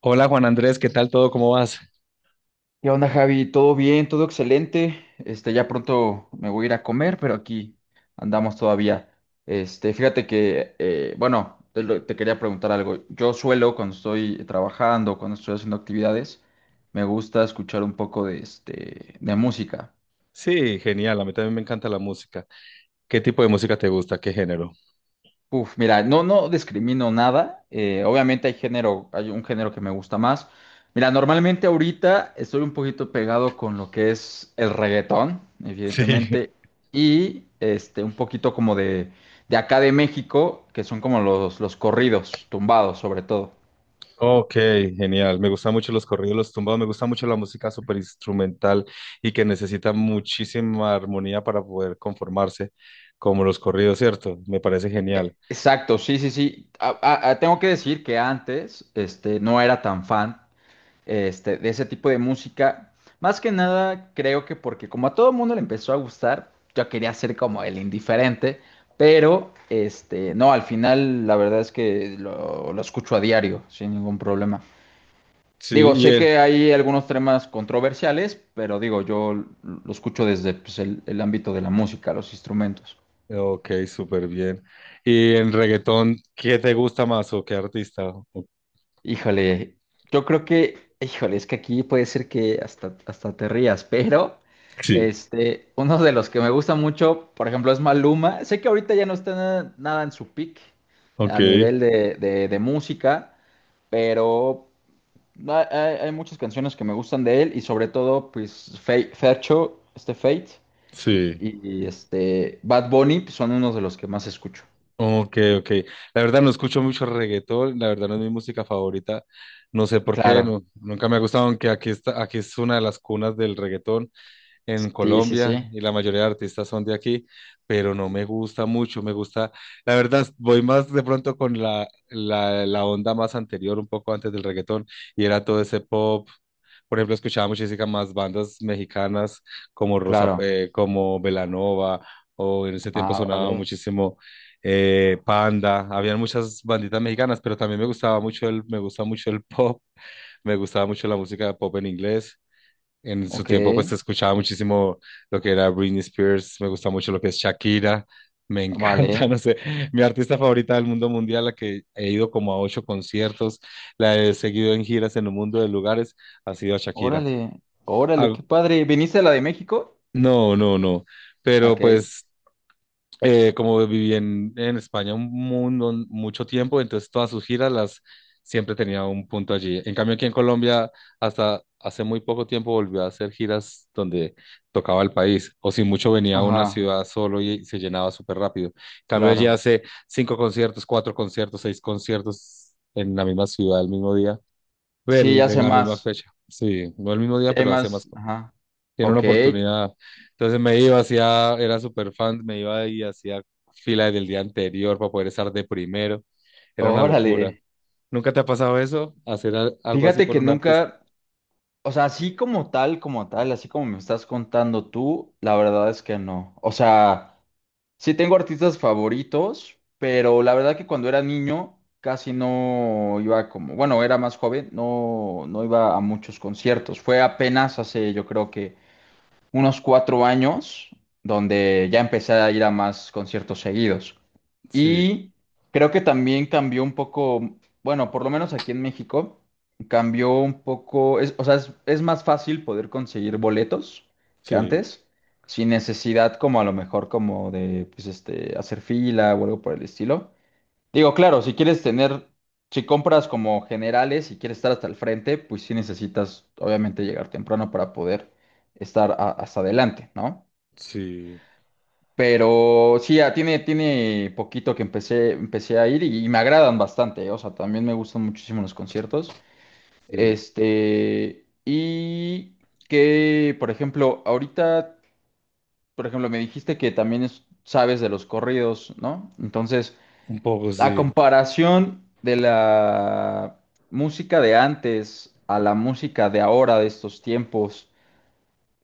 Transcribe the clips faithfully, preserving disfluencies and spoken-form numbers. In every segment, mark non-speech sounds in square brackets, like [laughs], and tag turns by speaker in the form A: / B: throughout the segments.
A: Hola Juan Andrés, ¿qué tal todo? ¿Cómo vas?
B: ¿Qué onda, Javi? ¿Todo bien? ¿Todo excelente? Este, ya pronto me voy a ir a comer, pero aquí andamos todavía. Este, fíjate que, eh, bueno, te, lo- te quería preguntar algo. Yo suelo, cuando estoy trabajando, cuando estoy haciendo actividades, me gusta escuchar un poco de, este, de música.
A: Sí, genial. A mí también me encanta la música. ¿Qué tipo de música te gusta? ¿Qué género?
B: Uf, mira, no, no discrimino nada. Eh, obviamente hay género, hay un género que me gusta más. Mira, normalmente ahorita estoy un poquito pegado con lo que es el reggaetón,
A: Sí. [laughs]
B: evidentemente, y este, un poquito como de, de acá de México, que son como los, los corridos, tumbados sobre todo.
A: Ok, genial. Me gustan mucho los corridos, los tumbados. Me gusta mucho la música súper instrumental y que necesita muchísima armonía para poder conformarse, como los corridos, ¿cierto? Me parece genial.
B: Exacto, sí, sí, sí. A- a- a- tengo que decir que antes este, no era tan fan este, de ese tipo de música. Más que nada, creo que porque como a todo mundo le empezó a gustar, yo quería ser como el indiferente, pero este, no, al final la verdad es que lo, lo escucho a diario, sin ningún problema.
A: Sí,
B: Digo,
A: y
B: sé
A: en...
B: que hay algunos temas controversiales, pero digo, yo lo escucho desde pues, el, el ámbito de la música, los instrumentos.
A: Ok, súper bien. ¿Y en reggaetón, qué te gusta más o qué artista? O-
B: Híjole, yo creo que, híjole, es que aquí puede ser que hasta, hasta te rías, [laughs] pero
A: sí,
B: este, uno de los que me gusta mucho, por ejemplo, es Maluma. Sé que ahorita ya no está na- nada en su peak
A: ok,
B: a nivel de, de- de música, pero hay, hay- hay muchas canciones que me gustan de él y sobre todo, pues, Fe- Fercho, este Fate
A: sí.
B: y, y, este Bad Bunny pues, son unos de los que más escucho.
A: Ok, ok. La verdad no escucho mucho reggaetón, la verdad no es mi música favorita. No sé por qué,
B: Claro,
A: no, nunca me ha gustado, aunque aquí está, aquí es una de las cunas del reggaetón en
B: sí, sí,
A: Colombia
B: sí,
A: y la mayoría de artistas son de aquí, pero no me gusta mucho, me gusta, la verdad, voy más de pronto con la, la, la onda más anterior, un poco antes del reggaetón, y era todo ese pop, por ejemplo, escuchaba muchísimas más bandas mexicanas como Rosa,
B: claro.
A: eh, como Belanova, o en ese tiempo
B: Ah,
A: sonaba
B: vale,
A: muchísimo eh, Panda. Habían muchas banditas mexicanas, pero también me gustaba mucho el, me gusta mucho el [laughs] pop, me gustaba mucho la música de pop en inglés. En su
B: ok.
A: tiempo, pues escuchaba muchísimo lo que era Britney Spears, me gusta mucho lo que es Shakira, me encanta, [laughs]
B: Vale,
A: no sé, mi artista favorita del mundo mundial, la que he ido como a ocho conciertos, la he seguido en giras en un mundo de lugares, ha sido a Shakira.
B: órale, órale,
A: Ah,
B: qué padre. ¿Viniste a la de México?
A: no, no, no. Pero
B: Ok,
A: pues eh, como viví en, en España un mundo, mucho tiempo, entonces todas sus giras las siempre tenía un punto allí. En cambio aquí en Colombia hasta hace muy poco tiempo volvió a hacer giras donde tocaba el país o si mucho venía a una
B: ajá,
A: ciudad solo y se llenaba súper rápido. En cambio allí
B: claro.
A: hace cinco conciertos, cuatro conciertos, seis conciertos en la misma ciudad el mismo día,
B: Sí,
A: el-
B: ya
A: en
B: sé
A: la misma
B: más,
A: fecha. Sí, no el mismo día,
B: sí hay
A: pero hace más.
B: más, ajá.
A: Tiene una
B: Ok,
A: oportunidad. Entonces me iba, hacía, era súper fan, me iba y hacía fila del día anterior para poder estar de primero. Era una locura.
B: órale.
A: ¿Nunca te ha pasado eso? ¿Hacer al- algo así
B: Fíjate
A: por
B: que
A: un artista?
B: nunca, o sea, así como tal, como tal, así como me estás contando tú, la verdad es que no. O sea, sí tengo artistas favoritos, pero la verdad que cuando era niño casi no iba como, bueno, era más joven, no, no iba a muchos conciertos. Fue apenas hace, yo creo que unos cuatro años, donde ya empecé a ir a más conciertos seguidos.
A: Sí,
B: Y creo que también cambió un poco, bueno, por lo menos aquí en México, cambió un poco, es- o sea, es, es más fácil poder conseguir boletos que
A: sí,
B: antes, sin necesidad como a lo mejor como de, pues, este, hacer fila o algo por el estilo. Digo, claro, si quieres tener, si compras como generales y quieres estar hasta el frente, pues sí necesitas, obviamente, llegar temprano para poder estar a- hasta adelante, ¿no?
A: sí.
B: Pero sí, ya tiene, tiene poquito que empecé, empecé a ir y, y me agradan bastante, ¿eh? O sea, también me gustan muchísimo los conciertos.
A: Sí,
B: Este, y que, por ejemplo, ahorita, por ejemplo, me dijiste que también es- sabes de los corridos, ¿no? Entonces,
A: un poco
B: a
A: sí.
B: comparación de la música de antes a la música de ahora, de estos tiempos,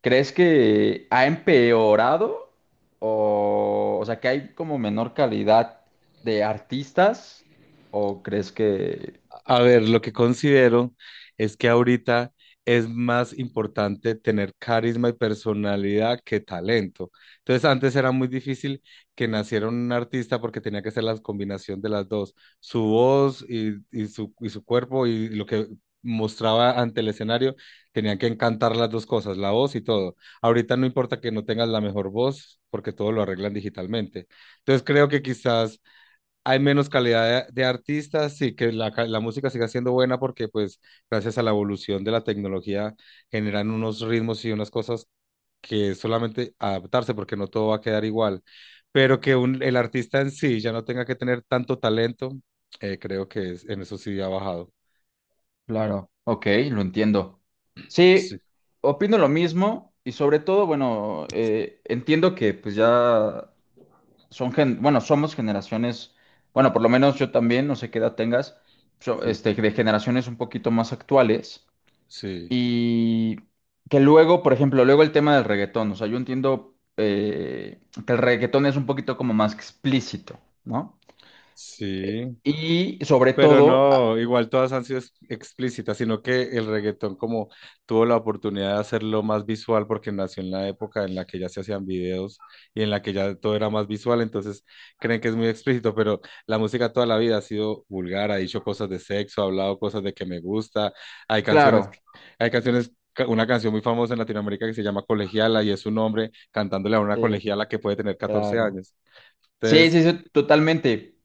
B: ¿crees que ha empeorado? O, o sea, ¿que hay como menor calidad de artistas, o crees que...
A: A ver, lo que considero es que ahorita es más importante tener carisma y personalidad que talento. Entonces, antes era muy difícil que naciera un artista porque tenía que ser la combinación de las dos, su voz y, y su, y su cuerpo y lo que mostraba ante el escenario, tenían que encantar las dos cosas, la voz y todo. Ahorita no importa que no tengas la mejor voz porque todo lo arreglan digitalmente. Entonces, creo que quizás hay menos calidad de, de artistas y que la, ca- la música siga siendo buena porque pues gracias a la evolución de la tecnología generan unos ritmos y unas cosas que solamente adaptarse porque no todo va a quedar igual, pero que un- el artista en sí ya no tenga que tener tanto talento, eh, creo que es- en eso sí ha bajado.
B: Claro, ok, lo entiendo.
A: Sí,
B: Sí, opino lo mismo y sobre todo, bueno, eh, entiendo que pues ya son gen- bueno, somos generaciones, bueno, por lo menos yo también, no sé qué edad tengas, so-
A: sí,
B: este, de generaciones un poquito más actuales
A: sí,
B: y que luego, por ejemplo, luego el tema del reggaetón, o sea, yo entiendo eh, que el reggaetón es un poquito como más explícito, ¿no?
A: sí.
B: Y sobre
A: Pero
B: todo, ah,
A: no, igual todas han sido ex- explícitas, sino que el reggaetón como tuvo la oportunidad de hacerlo más visual porque nació en la época en la que ya se hacían videos y en la que ya todo era más visual, entonces creen que es muy explícito, pero la música toda la vida ha sido vulgar, ha dicho cosas de sexo, ha hablado cosas de que me gusta, hay canciones, que-
B: claro,
A: hay canciones, ca- una canción muy famosa en Latinoamérica que se llama Colegiala y es un hombre cantándole a una
B: sí,
A: colegiala que puede tener catorce
B: claro.
A: años.
B: Sí,
A: Entonces,
B: sí, sí, totalmente.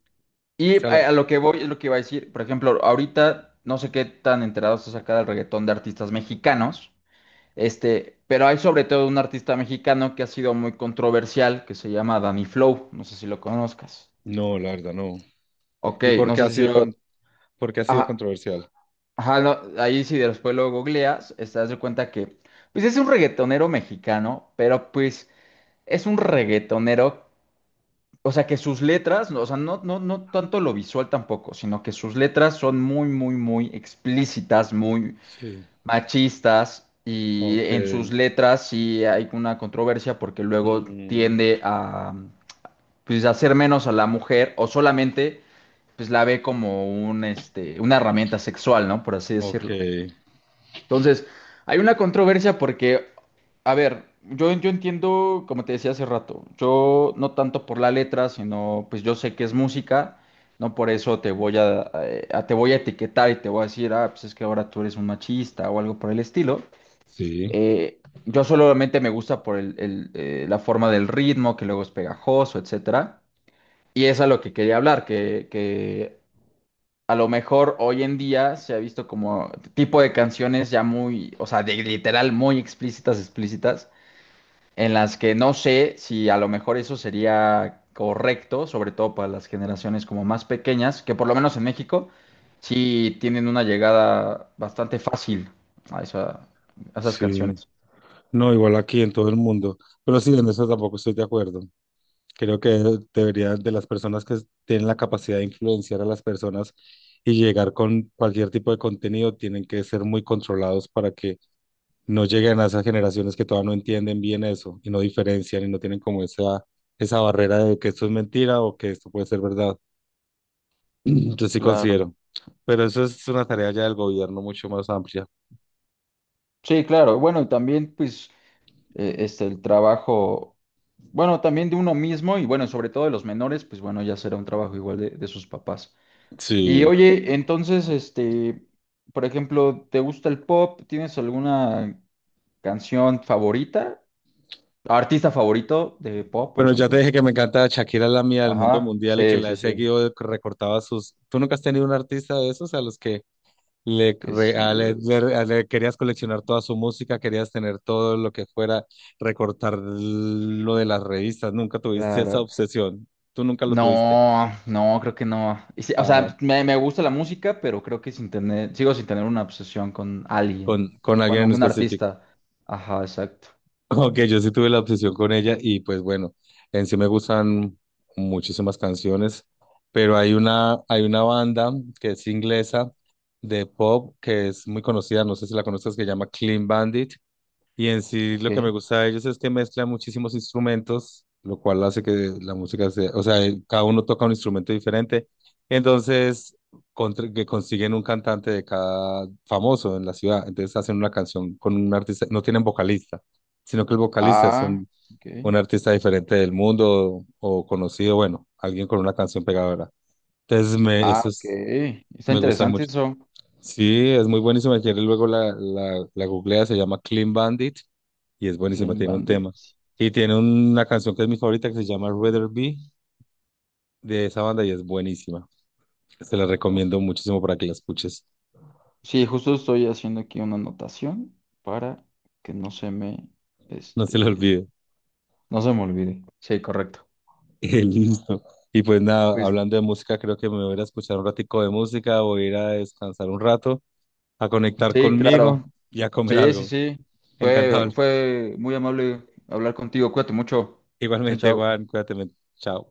A: o
B: Y
A: sea, la-
B: a, a lo que voy es lo que iba a decir, por ejemplo, ahorita no sé qué tan enterados estás acá del reggaetón de artistas mexicanos. Este, pero hay sobre todo un artista mexicano que ha sido muy controversial, que se llama Danny Flow, no sé si lo conozcas.
A: no, la verdad, no.
B: Ok,
A: ¿Y por
B: no
A: qué ha
B: sé si
A: sido
B: lo...
A: porque ha sido
B: Ajá,
A: controversial?
B: ajá, no, ahí sí después lo googleas, estás de cuenta que, pues es un reggaetonero mexicano, pero pues es un reggaetonero, o sea que sus letras, no, o sea, no, no, no tanto lo visual tampoco, sino que sus letras son muy, muy, muy explícitas, muy
A: Sí,
B: machistas y
A: ok.
B: en sus letras sí hay una controversia porque luego
A: Mm,
B: tiende a pues hacer menos a la mujer o solamente pues la ve como un este una herramienta sexual, ¿no? Por así
A: ok.
B: decirlo. Entonces, hay una controversia porque, a ver, yo, yo entiendo, como te decía hace rato, yo no tanto por la letra, sino pues yo sé que es música. No por eso te voy a, a- te voy a etiquetar y te voy a decir, ah, pues es que ahora tú eres un machista o algo por el estilo.
A: Sí.
B: Eh, yo solamente me gusta por el, el, eh, la forma del ritmo, que luego es pegajoso, etcétera. Y es a lo que quería hablar, que, que a lo mejor hoy en día se ha visto como tipo de canciones ya muy, o sea, de, literal muy explícitas, explícitas, en las que no sé si a lo mejor eso sería correcto, sobre todo para las generaciones como más pequeñas, que por lo menos en México sí tienen una llegada bastante fácil a esa- a esas
A: Sí.
B: canciones.
A: No, igual aquí en todo el mundo. Pero sí, en eso tampoco estoy de acuerdo. Creo que debería de las personas que tienen la capacidad de influenciar a las personas y llegar con cualquier tipo de contenido, tienen que ser muy controlados para que no lleguen a esas generaciones que todavía no entienden bien eso y no diferencian y no tienen como esa, esa barrera de que esto es mentira o que esto puede ser verdad. Yo sí
B: Claro.
A: considero, pero eso es una tarea ya del gobierno mucho más amplia.
B: Sí, claro. Bueno, y también pues eh, este el trabajo, bueno, también de uno mismo y bueno, sobre todo de los menores, pues bueno, ya será un trabajo igual de, de sus papás. Y
A: Sí,
B: oye, entonces, este, por ejemplo, ¿te gusta el pop? ¿Tienes alguna canción favorita? ¿Artista favorito de pop, por
A: bueno, ya te
B: ejemplo?
A: dije que me encanta Shakira, la mía del mundo
B: Ajá,
A: mundial y que
B: sí,
A: la
B: sí,
A: he
B: sí.
A: seguido, que recortaba sus... ¿Tú nunca has tenido un artista de esos a los que le,
B: Que
A: cre-
B: sí
A: a- le-
B: es.
A: le- a- le querías coleccionar toda su música, querías tener todo lo que fuera, recortar lo de las revistas? ¿Nunca tuviste esa
B: Claro.
A: obsesión? ¿Tú nunca lo tuviste?
B: No, no, creo que no. Y sí, o
A: Ah,
B: sea, me, me gusta la música, pero creo que sin tener, sigo sin tener una obsesión con alguien.
A: ¿con, con alguien
B: Bueno,
A: en
B: un
A: específico?
B: artista. Ajá, exacto.
A: Ok, yo sí tuve la obsesión con ella y pues bueno, en sí me gustan muchísimas canciones, pero hay una, hay una banda que es inglesa de pop que es muy conocida, no sé si la conoces, que se llama Clean Bandit. Y en sí
B: Ok.
A: lo que me gusta de ellos es que mezclan muchísimos instrumentos, lo cual hace que la música sea, o sea, eh, cada uno toca un instrumento diferente. Entonces, contra- que consiguen un cantante de cada famoso en la ciudad. Entonces hacen una canción con un artista, no tienen vocalista, sino que el vocalista es
B: Ah,
A: un,
B: ok.
A: un artista diferente del mundo o, conocido, bueno, alguien con una canción pegadora. Entonces, me,
B: Ah, ok.
A: esos
B: Está
A: me gustan
B: interesante
A: mucho.
B: eso.
A: Sí, es muy buenísima. Si quieres, luego la, la, la googlea, se llama Clean Bandit y es buenísima,
B: Clean
A: tiene un tema.
B: Bandit.
A: Y tiene una canción que es mi favorita que se llama Rather Be de esa banda y es buenísima. Se la
B: Bueno,
A: recomiendo muchísimo para que la escuches.
B: sí, justo estoy haciendo aquí una anotación para que no se me,
A: No se la
B: este,
A: olvide. [laughs]
B: no se me olvide. Sí, correcto.
A: Eh, Listo. Y pues nada,
B: Pues
A: hablando de música, creo que me voy a ir a escuchar un ratico de música, voy a ir a descansar un rato, a conectar
B: sí,
A: conmigo
B: claro.
A: y a comer
B: Sí, sí,
A: algo.
B: sí.
A: Encantado.
B: Fue, fue muy amable hablar contigo. Cuídate mucho. Chao,
A: Igualmente,
B: chao.
A: Juan, cuídate. Men. Chao.